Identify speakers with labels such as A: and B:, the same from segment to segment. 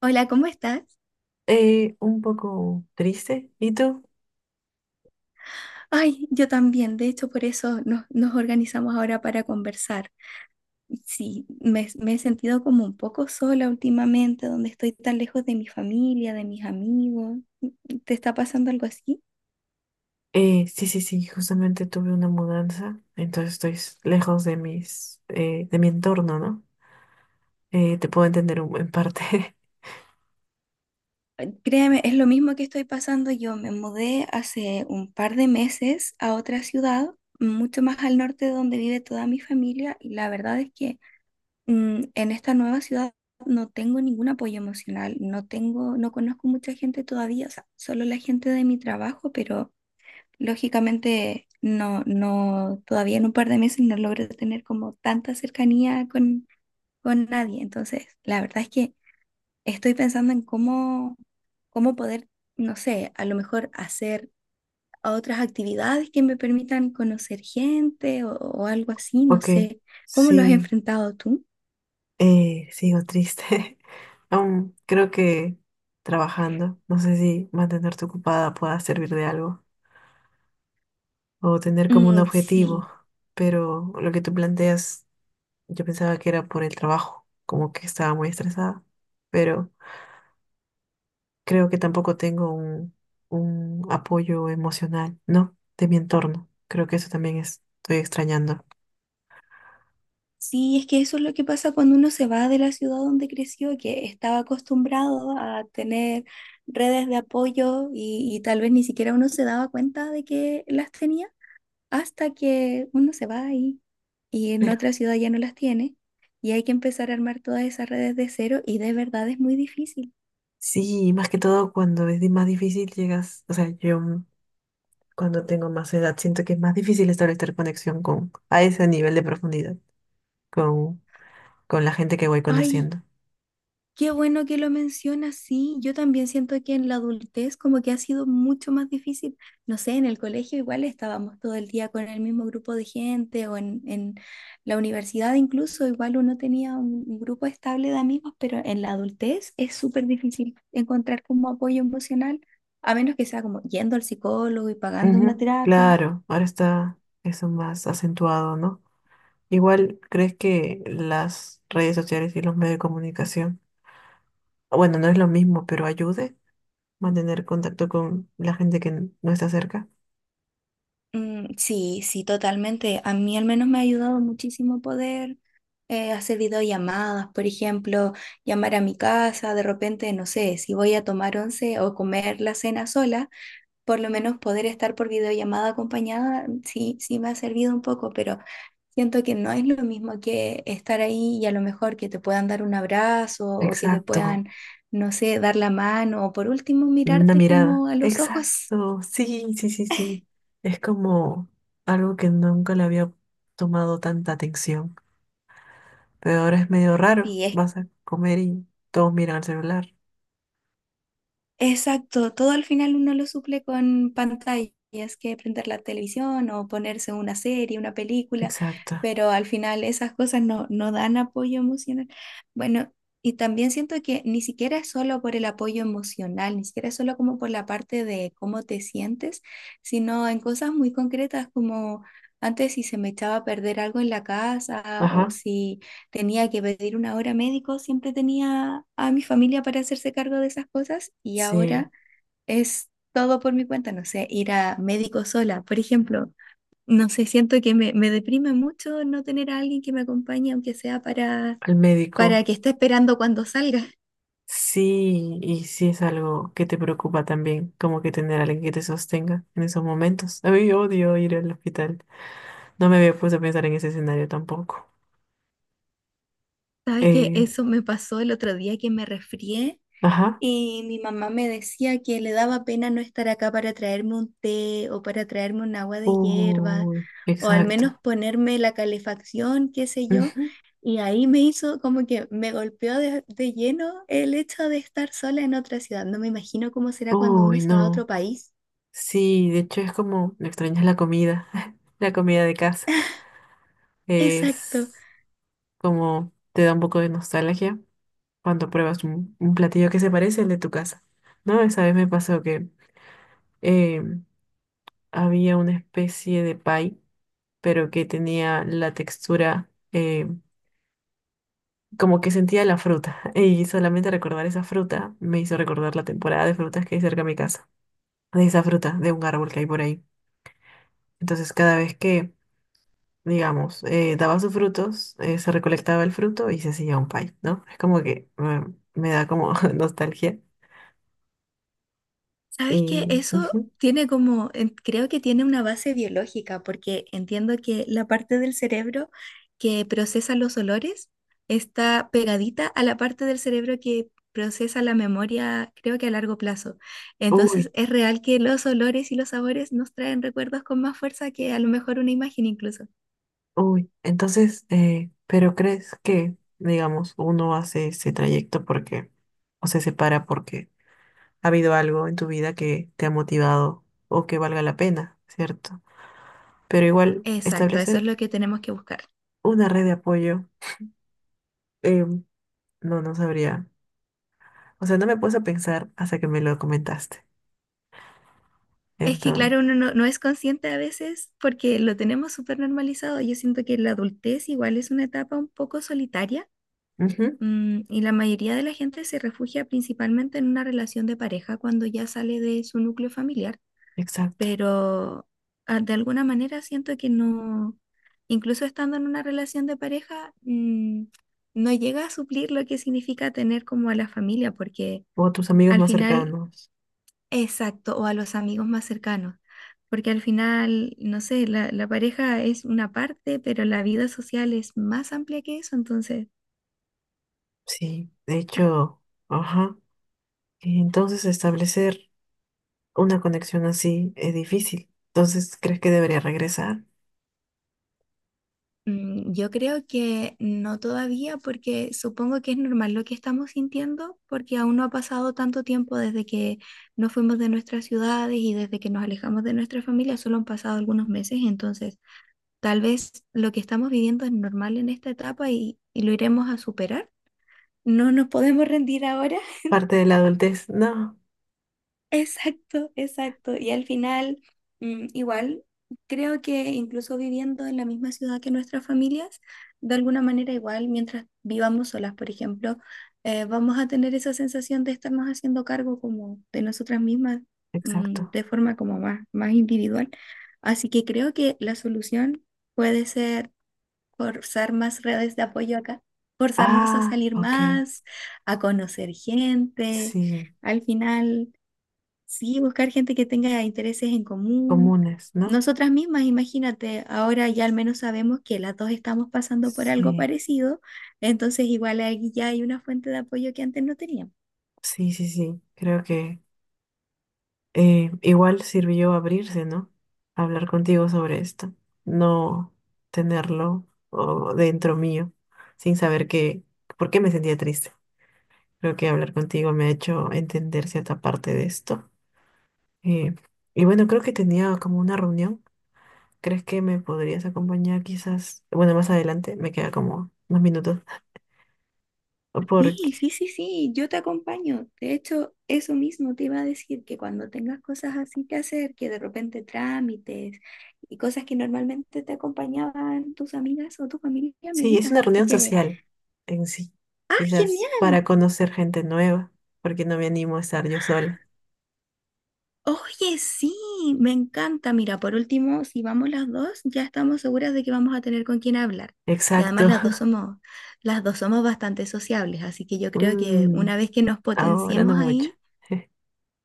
A: Hola, ¿cómo estás?
B: Un poco triste. ¿Y tú?
A: Ay, yo también. De hecho, por eso nos organizamos ahora para conversar. Sí, me he sentido como un poco sola últimamente, donde estoy tan lejos de mi familia, de mis amigos. ¿Te está pasando algo así?
B: Sí, justamente tuve una mudanza, entonces estoy lejos de mis, de mi entorno, ¿no? Te puedo entender en parte.
A: Créeme, es lo mismo que estoy pasando. Yo me mudé hace un par de meses a otra ciudad, mucho más al norte de donde vive toda mi familia, y la verdad es que en esta nueva ciudad no tengo ningún apoyo emocional, no conozco mucha gente todavía, o sea, solo la gente de mi trabajo, pero lógicamente no, no, todavía en un par de meses no logro tener como tanta cercanía con nadie. Entonces, la verdad es que estoy pensando en cómo, cómo poder, no sé, a lo mejor hacer otras actividades que me permitan conocer gente o algo así, no
B: Ok,
A: sé. ¿Cómo lo has
B: sí,
A: enfrentado tú?
B: sigo triste. Aún creo que trabajando, no sé si mantenerte ocupada pueda servir de algo o tener como un
A: Mm,
B: objetivo,
A: sí.
B: pero lo que tú planteas, yo pensaba que era por el trabajo, como que estaba muy estresada, pero creo que tampoco tengo un apoyo emocional, ¿no? De mi entorno. Creo que eso también estoy extrañando.
A: Sí, es que eso es lo que pasa cuando uno se va de la ciudad donde creció, que estaba acostumbrado a tener redes de apoyo y tal vez ni siquiera uno se daba cuenta de que las tenía hasta que uno se va ahí y en
B: Pero
A: otra ciudad ya no las tiene y hay que empezar a armar todas esas redes de cero y de verdad es muy difícil.
B: sí, más que todo cuando es más difícil llegas, o sea, yo cuando tengo más edad siento que es más difícil establecer conexión con, a ese nivel de profundidad, con, con la gente que voy
A: Ay,
B: conociendo.
A: qué bueno que lo mencionas, sí. Yo también siento que en la adultez como que ha sido mucho más difícil. No sé, en el colegio igual estábamos todo el día con el mismo grupo de gente o en la universidad incluso igual uno tenía un grupo estable de amigos, pero en la adultez es súper difícil encontrar como apoyo emocional, a menos que sea como yendo al psicólogo y pagando una
B: Ujú.
A: terapia.
B: Claro, ahora está eso más acentuado, ¿no? Igual, ¿crees que las redes sociales y los medios de comunicación, bueno, no es lo mismo, pero ayude? Mantener contacto con la gente que no está cerca.
A: Mm, sí, sí, totalmente. A mí al menos me ha ayudado muchísimo poder hacer videollamadas, por ejemplo, llamar a mi casa, de repente, no sé, si voy a tomar once o comer la cena sola, por lo menos poder estar por videollamada acompañada, mm, sí, sí me ha servido un poco, pero siento que no es lo mismo que estar ahí y a lo mejor que te puedan dar un abrazo o que te
B: Exacto,
A: puedan, no sé, dar la mano o por último
B: una
A: mirarte
B: mirada.
A: como a los ojos,
B: Exacto, sí, sí, sí, sí. Es como algo que nunca le había tomado tanta atención, pero ahora es medio raro.
A: si es.
B: Vas a comer y todos miran al celular.
A: Exacto, todo al final uno lo suple con pantallas, que prender la televisión o ponerse una serie, una película,
B: Exacto.
A: pero al final esas cosas no dan apoyo emocional. Bueno, y también siento que ni siquiera es solo por el apoyo emocional, ni siquiera es solo como por la parte de cómo te sientes, sino en cosas muy concretas como antes si se me echaba a perder algo en la casa o
B: Ajá.
A: si tenía que pedir una hora médico, siempre tenía a mi familia para hacerse cargo de esas cosas y
B: Sí,
A: ahora es todo por mi cuenta, no sé, ir a médico sola, por ejemplo. No sé, siento que me deprime mucho no tener a alguien que me acompañe, aunque sea
B: al médico.
A: para que esté esperando cuando salga.
B: Sí, y sí es algo que te preocupa también, como que tener a alguien que te sostenga en esos momentos. A mí odio ir al hospital. No me había puesto a pensar en ese escenario tampoco.
A: Sabes que
B: Eh,
A: eso me pasó el otro día que me resfrié.
B: ajá.
A: Y mi mamá me decía que le daba pena no estar acá para traerme un té o para traerme un agua de hierba
B: Uy,
A: o al menos
B: exacto.
A: ponerme la calefacción, qué sé yo.
B: Ujú.
A: Y ahí me hizo como que me golpeó de lleno el hecho de estar sola en otra ciudad. No me imagino cómo será cuando uno
B: Uy,
A: se va a
B: no.
A: otro país.
B: Sí, de hecho es como, me extrañas la comida, la comida de casa.
A: Exacto.
B: Es como, te da un poco de nostalgia cuando pruebas un platillo que se parece al de tu casa. ¿No? Esa vez me pasó que eh, había una especie de pie, pero que tenía la textura, como que sentía la fruta. Y solamente recordar esa fruta me hizo recordar la temporada de frutas que hay cerca de mi casa, de esa fruta, de un árbol que hay por ahí. Entonces, cada vez que, digamos, daba sus frutos, se recolectaba el fruto y se hacía un pie, ¿no? Es como que me da como nostalgia.
A: Sabes
B: Y,
A: que eso
B: ujú.
A: tiene como, creo que tiene una base biológica, porque entiendo que la parte del cerebro que procesa los olores está pegadita a la parte del cerebro que procesa la memoria, creo que a largo plazo. Entonces,
B: Uy,
A: es real que los olores y los sabores nos traen recuerdos con más fuerza que a lo mejor una imagen incluso.
B: uy. Entonces, ¿pero crees que, digamos, uno hace ese trayecto porque, o se separa porque ha habido algo en tu vida que te ha motivado o que valga la pena, ¿cierto? Pero igual,
A: Exacto, eso es
B: establecer
A: lo que tenemos que buscar.
B: una red de apoyo, em, no sabría. O sea, no me puse a pensar hasta que me lo comentaste.
A: Es que,
B: Entonces,
A: claro, uno no, no es consciente a veces porque lo tenemos súper normalizado. Yo siento que la adultez igual es una etapa un poco solitaria,
B: ujú,
A: mm, y la mayoría de la gente se refugia principalmente en una relación de pareja cuando ya sale de su núcleo familiar,
B: exacto.
A: pero de alguna manera siento que no, incluso estando en una relación de pareja, mm, no llega a suplir lo que significa tener como a la familia, porque
B: O tus amigos
A: al
B: más
A: final.
B: cercanos.
A: Exacto, o a los amigos más cercanos, porque al final, no sé, la pareja es una parte, pero la vida social es más amplia que eso, entonces
B: Sí, de hecho, ajá. Y entonces, establecer una conexión así es difícil. Entonces, ¿crees que debería regresar?
A: mm, yo creo que no todavía, porque supongo que es normal lo que estamos sintiendo, porque aún no ha pasado tanto tiempo desde que nos fuimos de nuestras ciudades y desde que nos alejamos de nuestra familia, solo han pasado algunos meses, entonces tal vez lo que estamos viviendo es normal en esta etapa y lo iremos a superar. No nos podemos rendir ahora.
B: Parte de la adultez. No,
A: Exacto, exacto. Y al final, mm, igual, creo que incluso viviendo en la misma ciudad que nuestras familias, de alguna manera igual, mientras vivamos solas, por ejemplo, vamos a tener esa sensación de estarnos haciendo cargo como de nosotras mismas, mm,
B: exacto.
A: de forma como más, más individual. Así que creo que la solución puede ser forzar más redes de apoyo acá, forzarnos a
B: Ah,
A: salir
B: ok.
A: más, a conocer gente.
B: Sí,
A: Al final... sí, buscar gente que tenga intereses en común.
B: comunes, ¿no?
A: Nosotras mismas, imagínate, ahora ya al menos sabemos que las dos estamos pasando por algo
B: Sí,
A: parecido, entonces igual ahí ya hay una fuente de apoyo que antes no teníamos.
B: sí, sí, sí. Creo que igual sirvió abrirse, ¿no? Hablar contigo sobre esto, no tenerlo dentro mío, sin saber qué, por qué me sentía triste. Creo que hablar contigo me ha hecho entender cierta parte de esto. Eh, y bueno, creo que tenía como una reunión. ¿Crees que me podrías acompañar quizás? Bueno, más adelante, me queda como unos minutos.
A: Sí,
B: Porque
A: sí, sí, sí, yo te acompaño. De hecho, eso mismo te iba a decir, que cuando tengas cosas así que hacer, que de repente trámites y cosas que normalmente te acompañaban tus amigas o tu familia, me
B: sí, es una
A: digas,
B: reunión
A: porque,
B: social en sí,
A: ah,
B: quizás
A: genial.
B: para conocer gente nueva, porque no me animo a estar yo sola.
A: Oye, sí, me encanta. Mira, por último, si vamos las dos, ya estamos seguras de que vamos a tener con quién hablar. Y además
B: Exacto.
A: las dos somos bastante sociables, así que yo creo que
B: Mm,
A: una vez que nos
B: ahora no
A: potenciemos
B: mucho.
A: ahí,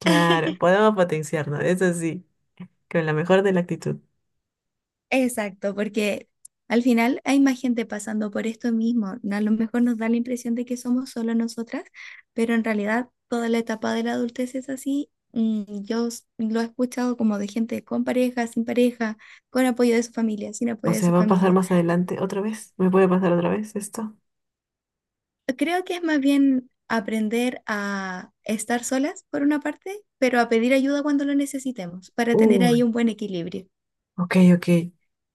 B: Claro, podemos potenciarnos, eso sí, con la mejor de la actitud.
A: exacto, porque al final hay más gente pasando por esto mismo. A lo mejor nos da la impresión de que somos solo nosotras, pero en realidad toda la etapa de la adultez es así. Mm, yo lo he escuchado como de gente con pareja, sin pareja, con apoyo de su familia, sin
B: O
A: apoyo de
B: sea,
A: su
B: ¿va a pasar
A: familia.
B: más adelante otra vez? ¿Me puede pasar otra vez esto?
A: Creo que es más bien aprender a estar solas por una parte, pero a pedir ayuda cuando lo necesitemos para tener
B: Uy,
A: ahí un buen equilibrio.
B: ok, ok.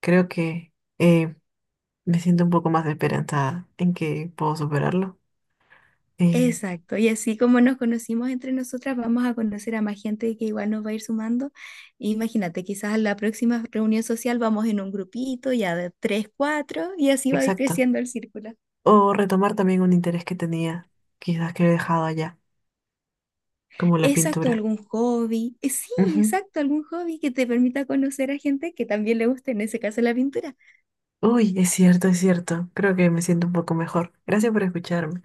B: Creo que eh, me siento un poco más esperanzada en que puedo superarlo. Eh,
A: Exacto, y así como nos conocimos entre nosotras, vamos a conocer a más gente que igual nos va a ir sumando. Imagínate, quizás la próxima reunión social vamos en un grupito ya de tres, cuatro, y así va a ir
B: exacto.
A: creciendo el círculo.
B: O retomar también un interés que tenía, quizás que he dejado allá, como la
A: Exacto,
B: pintura.
A: algún hobby. Sí, exacto, algún hobby que te permita conocer a gente que también le guste, en ese caso la pintura.
B: Uy, es cierto, es cierto. Creo que me siento un poco mejor. Gracias por escucharme.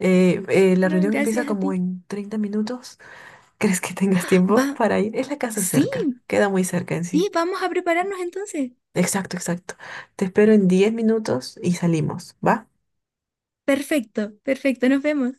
B: La
A: No,
B: reunión empieza
A: gracias a
B: como
A: ti.
B: en 30 minutos. ¿Crees que tengas
A: Va,
B: tiempo para ir? Es la casa
A: sí,
B: cerca. Queda muy cerca en sí.
A: sí, vamos a prepararnos entonces.
B: Exacto, exacto. Te espero en 10 minutos y salimos, ¿va?
A: Perfecto, perfecto, nos vemos.